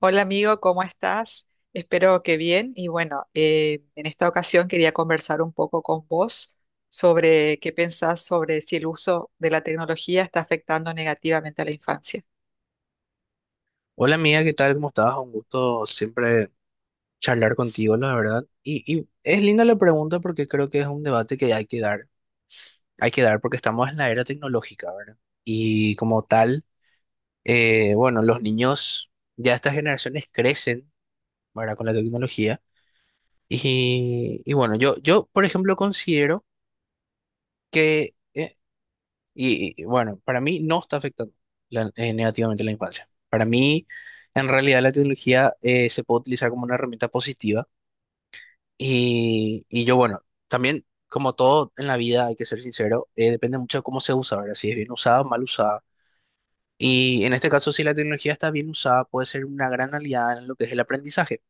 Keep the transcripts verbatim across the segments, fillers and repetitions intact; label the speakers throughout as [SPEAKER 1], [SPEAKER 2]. [SPEAKER 1] Hola amigo, ¿cómo estás? Espero que bien. Y bueno, eh, en esta ocasión quería conversar un poco con vos sobre qué pensás sobre si el uso de la tecnología está afectando negativamente a la infancia.
[SPEAKER 2] Hola amiga, ¿qué tal? ¿Cómo estás? Un gusto siempre charlar contigo, la verdad. Y, y es linda la pregunta porque creo que es un debate que hay que dar. Hay que dar porque estamos en la era tecnológica, ¿verdad? Y como tal, eh, bueno, los niños, ya estas generaciones crecen, ¿verdad? Con la tecnología. Y, y bueno, yo, yo, por ejemplo, considero que, eh, y, y, bueno, para mí no está afectando la- eh, negativamente la infancia. Para mí, en realidad, la tecnología eh, se puede utilizar como una herramienta positiva. Y, y yo, bueno, también, como todo en la vida, hay que ser sincero, eh, depende mucho de cómo se usa, ¿verdad? Si es bien usada o mal usada. Y en este caso, si la tecnología está bien usada, puede ser una gran aliada en lo que es el aprendizaje.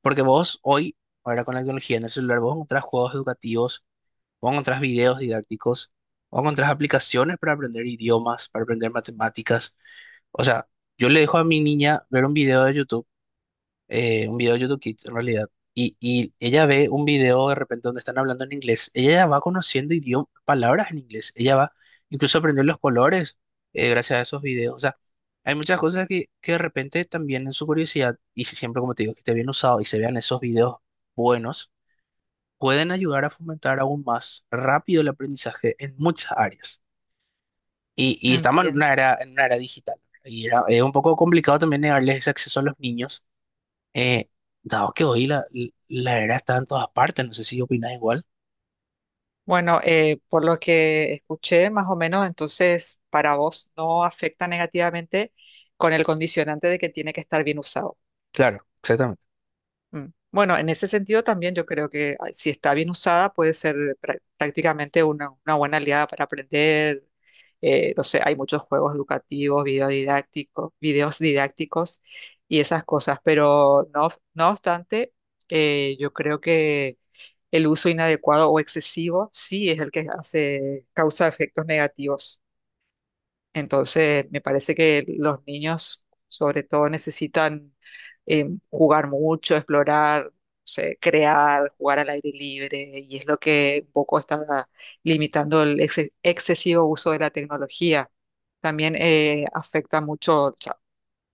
[SPEAKER 2] Porque vos hoy, ahora con la tecnología en el celular, vos encontrás juegos educativos, vos encontrás videos didácticos, vos encontrás aplicaciones para aprender idiomas, para aprender matemáticas. O sea, yo le dejo a mi niña ver un video de YouTube, eh, un video de YouTube Kids en realidad, y, y ella ve un video de repente donde están hablando en inglés, ella ya va conociendo idioma, palabras en inglés, ella va, incluso aprendió los colores eh, gracias a esos videos. O sea, hay muchas cosas que, que de repente también en su curiosidad, y si siempre como te digo, que esté bien usado y se vean esos videos buenos, pueden ayudar a fomentar aún más rápido el aprendizaje en muchas áreas. Y, y estamos en
[SPEAKER 1] Entiendo.
[SPEAKER 2] una era, en una era digital. Y era, es un poco complicado también negarles ese acceso a los niños, eh, dado que hoy la, la era está en todas partes, no sé si opinas igual.
[SPEAKER 1] Bueno, eh, por lo que escuché, más o menos, entonces para vos no afecta negativamente con el condicionante de que tiene que estar bien usado.
[SPEAKER 2] Claro, exactamente.
[SPEAKER 1] Mm. Bueno, en ese sentido también yo creo que ah, si está bien usada puede ser prá- prácticamente una, una buena aliada para aprender. Eh, no sé, hay muchos juegos educativos, video didáctico- videos didácticos y esas cosas, pero no, no obstante, eh, yo creo que el uso inadecuado o excesivo sí es el que hace, causa efectos negativos. Entonces, me parece que los niños, sobre todo, necesitan eh, jugar mucho, explorar, no sé, crear, jugar al aire libre, y es lo que un poco está limitando el ex- excesivo uso de la tecnología. También eh, afecta mucho, o sea,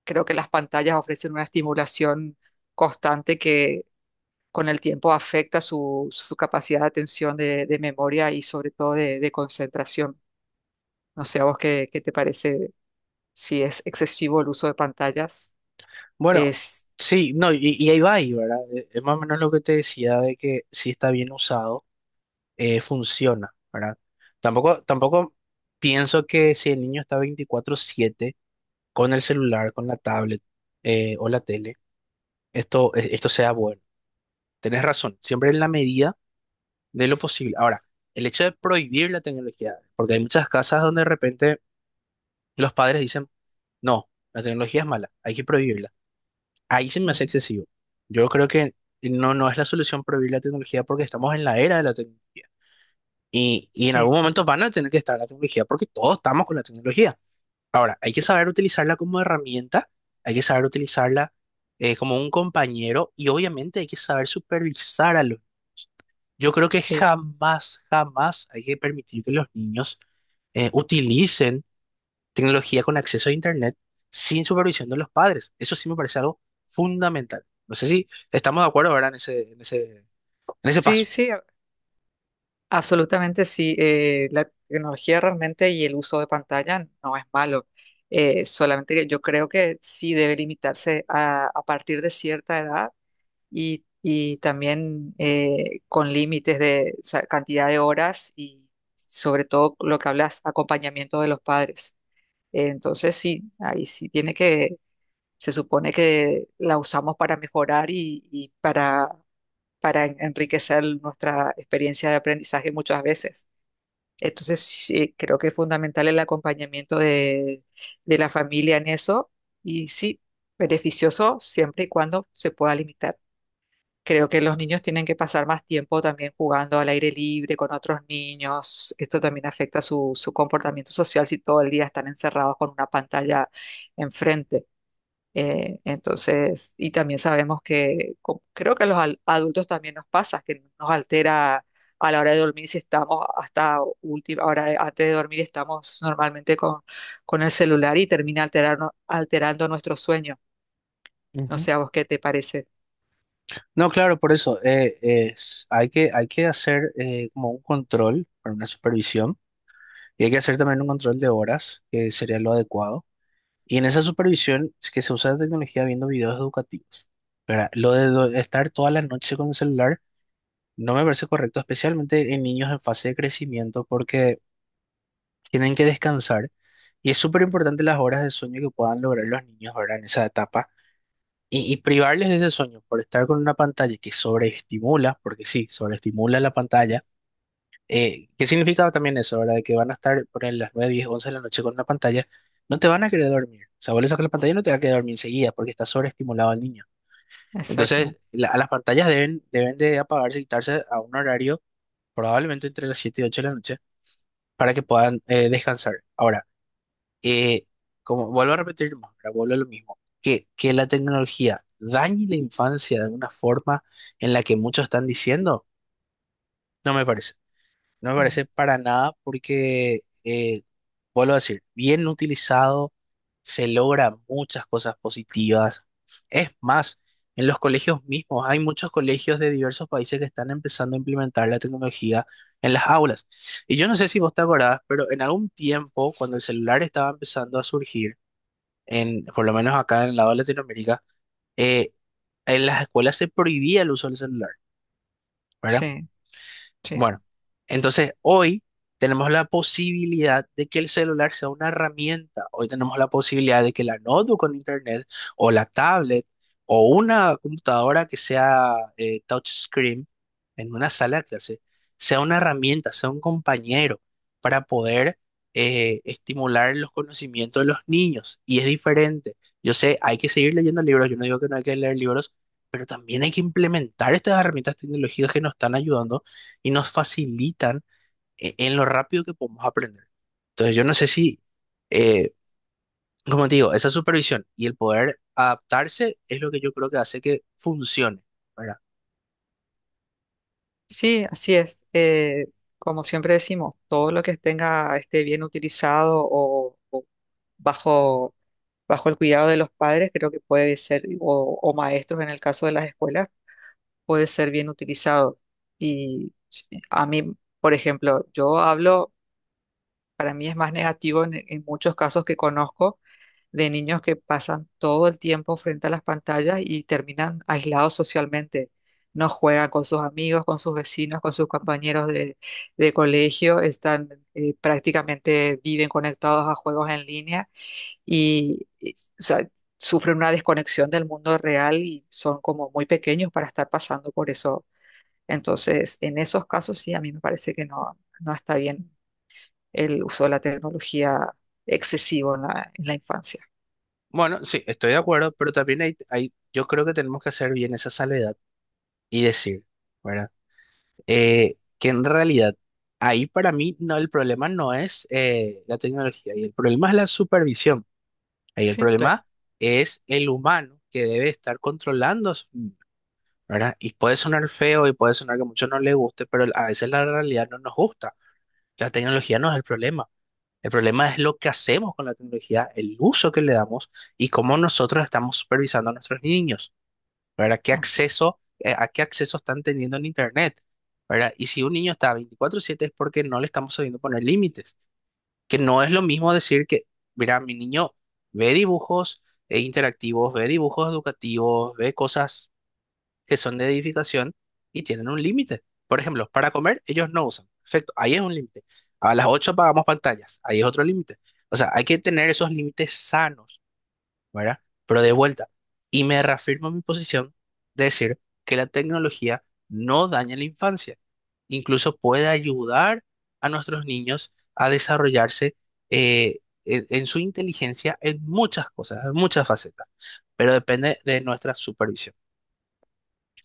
[SPEAKER 1] creo que las pantallas ofrecen una estimulación constante que con el tiempo afecta su, su capacidad de atención, de, de memoria y sobre todo de, de concentración. No sé, ¿a vos qué, qué te parece si es excesivo el uso de pantallas?
[SPEAKER 2] Bueno,
[SPEAKER 1] Es,
[SPEAKER 2] sí, no, y, y ahí va ahí, ¿verdad? Eh, Es más o menos lo que te decía de que si está bien usado, eh, funciona, ¿verdad? Tampoco, tampoco pienso que si el niño está veinticuatro siete con el celular, con la tablet, eh, o la tele, esto, eh, esto sea bueno. Tenés razón, siempre en la medida de lo posible. Ahora, el hecho de prohibir la tecnología, porque hay muchas casas donde de repente los padres dicen: «No, la tecnología es mala, hay que prohibirla». Ahí se me hace
[SPEAKER 1] Ujú.
[SPEAKER 2] excesivo. Yo creo que no, no es la solución prohibir la tecnología porque estamos en la era de la tecnología. Y, y en
[SPEAKER 1] Sí,
[SPEAKER 2] algún momento van a tener que estar la tecnología porque todos estamos con la tecnología. Ahora, hay que saber utilizarla como herramienta, hay que saber utilizarla eh, como un compañero y obviamente hay que saber supervisar a los niños. Yo creo que
[SPEAKER 1] sí,
[SPEAKER 2] jamás, jamás hay que permitir que los niños eh, utilicen tecnología con acceso a Internet sin supervisión de los padres. Eso sí me parece algo fundamental. No sé si estamos de acuerdo, ¿verdad? En ese, en ese, en ese
[SPEAKER 1] sí,
[SPEAKER 2] paso.
[SPEAKER 1] sí, a- absolutamente sí. Eh, la tecnología realmente y el uso de pantalla no es malo. Eh, solamente que yo creo que sí debe limitarse a, a partir de cierta edad y, y también eh, con límites de, o sea, cantidad de horas y sobre todo lo que hablas, acompañamiento de los padres. Entonces sí, ahí sí tiene que. Se supone que la usamos para mejorar y, y para, para en- enriquecer nuestra experiencia de aprendizaje muchas veces. Entonces, sí, creo que es fundamental el acompañamiento de, de la familia en eso y sí, beneficioso siempre y cuando se pueda limitar. Creo que los niños tienen que pasar más tiempo también jugando al aire libre con otros niños. Esto también afecta su, su comportamiento social si todo el día están encerrados con una pantalla enfrente. Eh, entonces, y también sabemos que co- creo que a los al- adultos también nos pasa, que nos altera a la hora de dormir si estamos hasta última hora de- antes de dormir estamos normalmente con, con el celular y termina alterarno- alterando nuestro sueño. No
[SPEAKER 2] Ujú.
[SPEAKER 1] sé a vos qué te parece.
[SPEAKER 2] No, claro, por eso eh, es- hay que, hay que hacer eh, como un control para una supervisión y hay que hacer también un control de horas, que sería lo adecuado. Y en esa supervisión es que se usa la tecnología viendo videos educativos. ¿Verdad? Lo de do- estar toda la noche con el celular no me parece correcto, especialmente en niños en fase de crecimiento, porque tienen que descansar y es súper importante las horas de sueño que puedan lograr los niños, ¿verdad? En esa etapa y, y privarles de ese sueño por estar con una pantalla que sobreestimula, porque sí, sobreestimula la pantalla. Eh, ¿qué significa también eso, ¿verdad? De que van a estar por ahí las nueve diez once de la noche con una pantalla, no te van a querer dormir. O sea, vos le sacas la pantalla y no te va a querer dormir enseguida porque está sobreestimulado el niño.
[SPEAKER 1] Exacto.
[SPEAKER 2] Entonces, la- a las pantallas deben, deben de apagarse y quitarse a un horario probablemente entre las siete y ocho de la noche para que puedan eh, descansar. Ahora, eh, como vuelvo a repetir más, pero vuelvo a lo mismo, que, que la tecnología dañe la infancia de una forma en la que muchos están diciendo, no me parece. No me
[SPEAKER 1] Mm.
[SPEAKER 2] parece para nada porque, eh, vuelvo a decir, bien utilizado se logra muchas cosas positivas. Es más, en los colegios mismos, hay muchos colegios de diversos países que están empezando a implementar la tecnología en las aulas. Y yo no sé si vos te acordás, pero en algún tiempo, cuando el celular estaba empezando a surgir, en, por lo menos acá en el lado de Latinoamérica, eh, en las escuelas se prohibía el uso del celular, ¿verdad?
[SPEAKER 1] Sí, sí, sí.
[SPEAKER 2] Bueno, entonces hoy tenemos la posibilidad de que el celular sea una herramienta. Hoy tenemos la posibilidad de que la notebook con internet o la tablet o una computadora que sea eh, touchscreen en una sala de clase sea una herramienta, sea un compañero para poder eh, estimular los conocimientos de los niños. Y es diferente. Yo sé, hay que seguir leyendo libros. Yo no digo que no hay que leer libros, pero también hay que implementar estas herramientas tecnológicas que nos están ayudando y nos facilitan e- en lo rápido que podemos aprender. Entonces, yo no sé si, eh, como te digo, esa supervisión y el poder adaptarse es lo que yo creo que hace que funcione, ¿verdad?
[SPEAKER 1] Sí, así es. Eh, como siempre decimos, todo lo que tenga esté bien utilizado o o bajo bajo el cuidado de los padres, creo que puede ser, o, o maestros en el caso de las escuelas, puede ser bien utilizado. Y a mí, por ejemplo, yo hablo, para mí es más negativo en, en muchos casos que conozco de niños que pasan todo el tiempo frente a las pantallas y terminan aislados socialmente. No juegan con sus amigos, con sus vecinos, con sus compañeros de, de colegio, están eh, prácticamente viven conectados a juegos en línea y, y, o sea, sufren una desconexión del mundo real y son como muy pequeños para estar pasando por eso. Entonces, en esos casos sí, a mí me parece que no, no está bien el uso de la tecnología excesivo en la, en la infancia.
[SPEAKER 2] Bueno, sí, estoy de acuerdo, pero también hay, hay- yo creo que tenemos que hacer bien esa salvedad y decir, ¿verdad? Eh, que en realidad, ahí para mí no, el problema no es eh, la tecnología, y el problema es la supervisión. Ahí el
[SPEAKER 1] Sí, claro.
[SPEAKER 2] problema es el humano que debe estar controlando, su- ¿verdad? Y puede sonar feo y puede sonar que a muchos no les guste, pero a veces la realidad no nos gusta. La tecnología no es el problema. El problema es lo que hacemos con la tecnología, el uso que le damos y cómo nosotros estamos supervisando a nuestros niños. ¿Verdad? ¿Qué
[SPEAKER 1] Así.
[SPEAKER 2] acceso, eh, a qué acceso están teniendo en Internet? ¿Verdad? Y si un niño está veinticuatro siete es porque no le estamos sabiendo poner límites, que no es lo mismo decir que, mira, mi niño ve dibujos eh, interactivos, ve dibujos educativos, ve cosas que son de edificación y tienen un límite. Por ejemplo, para comer ellos no usan. Perfecto, ahí es un límite. A las ocho apagamos pantallas, ahí es otro límite. O sea, hay que tener esos límites sanos, ¿verdad? Pero de vuelta, y me reafirmo mi posición de decir que la tecnología no daña la infancia, incluso puede ayudar a nuestros niños a desarrollarse eh, en, en su inteligencia en muchas cosas, en muchas facetas, pero depende de nuestra supervisión.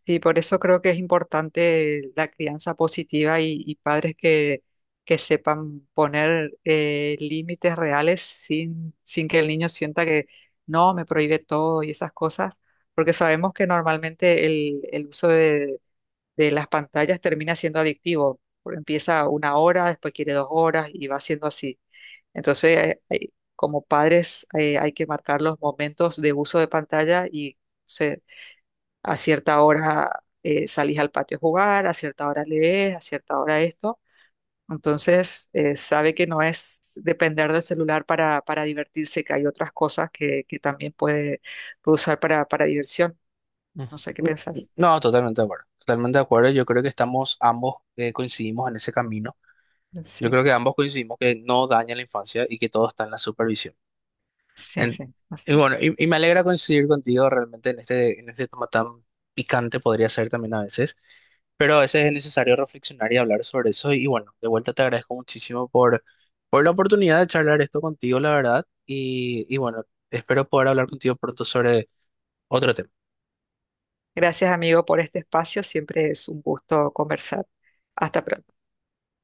[SPEAKER 1] Sí, por eso creo que es importante la crianza positiva y, y padres que, que sepan poner eh, límites reales sin, sin que el niño sienta que no, me prohíbe todo y esas cosas, porque sabemos que normalmente el, el uso de, de las pantallas termina siendo adictivo. Por- Empieza una hora, después quiere dos horas y va siendo así. Entonces, eh, hay- como padres, eh, hay que marcar los momentos de uso de pantalla y a cierta hora eh, salís al patio a jugar, a cierta hora lees, a cierta hora esto. Entonces, eh, sabe que no es depender del celular para, para divertirse, que hay otras cosas que, que también puede, puede usar para, para diversión.
[SPEAKER 2] Mm.
[SPEAKER 1] No sé qué pensás.
[SPEAKER 2] No, totalmente de acuerdo, totalmente de acuerdo, yo creo que estamos ambos eh, coincidimos en ese camino, yo
[SPEAKER 1] Sí,
[SPEAKER 2] creo que ambos coincidimos que no daña la infancia y que todo está en la supervisión.
[SPEAKER 1] sí,
[SPEAKER 2] En-
[SPEAKER 1] sí.
[SPEAKER 2] y
[SPEAKER 1] Así.
[SPEAKER 2] bueno, y, y me alegra coincidir contigo realmente en este, en este tema tan picante podría ser también a veces, pero a veces es necesario reflexionar y hablar sobre eso. Y bueno, de vuelta te agradezco muchísimo por, por la oportunidad de charlar esto contigo, la verdad. Y, y bueno, espero poder hablar contigo pronto sobre otro tema.
[SPEAKER 1] Gracias, amigo, por este espacio. Siempre es un gusto conversar. Hasta pronto.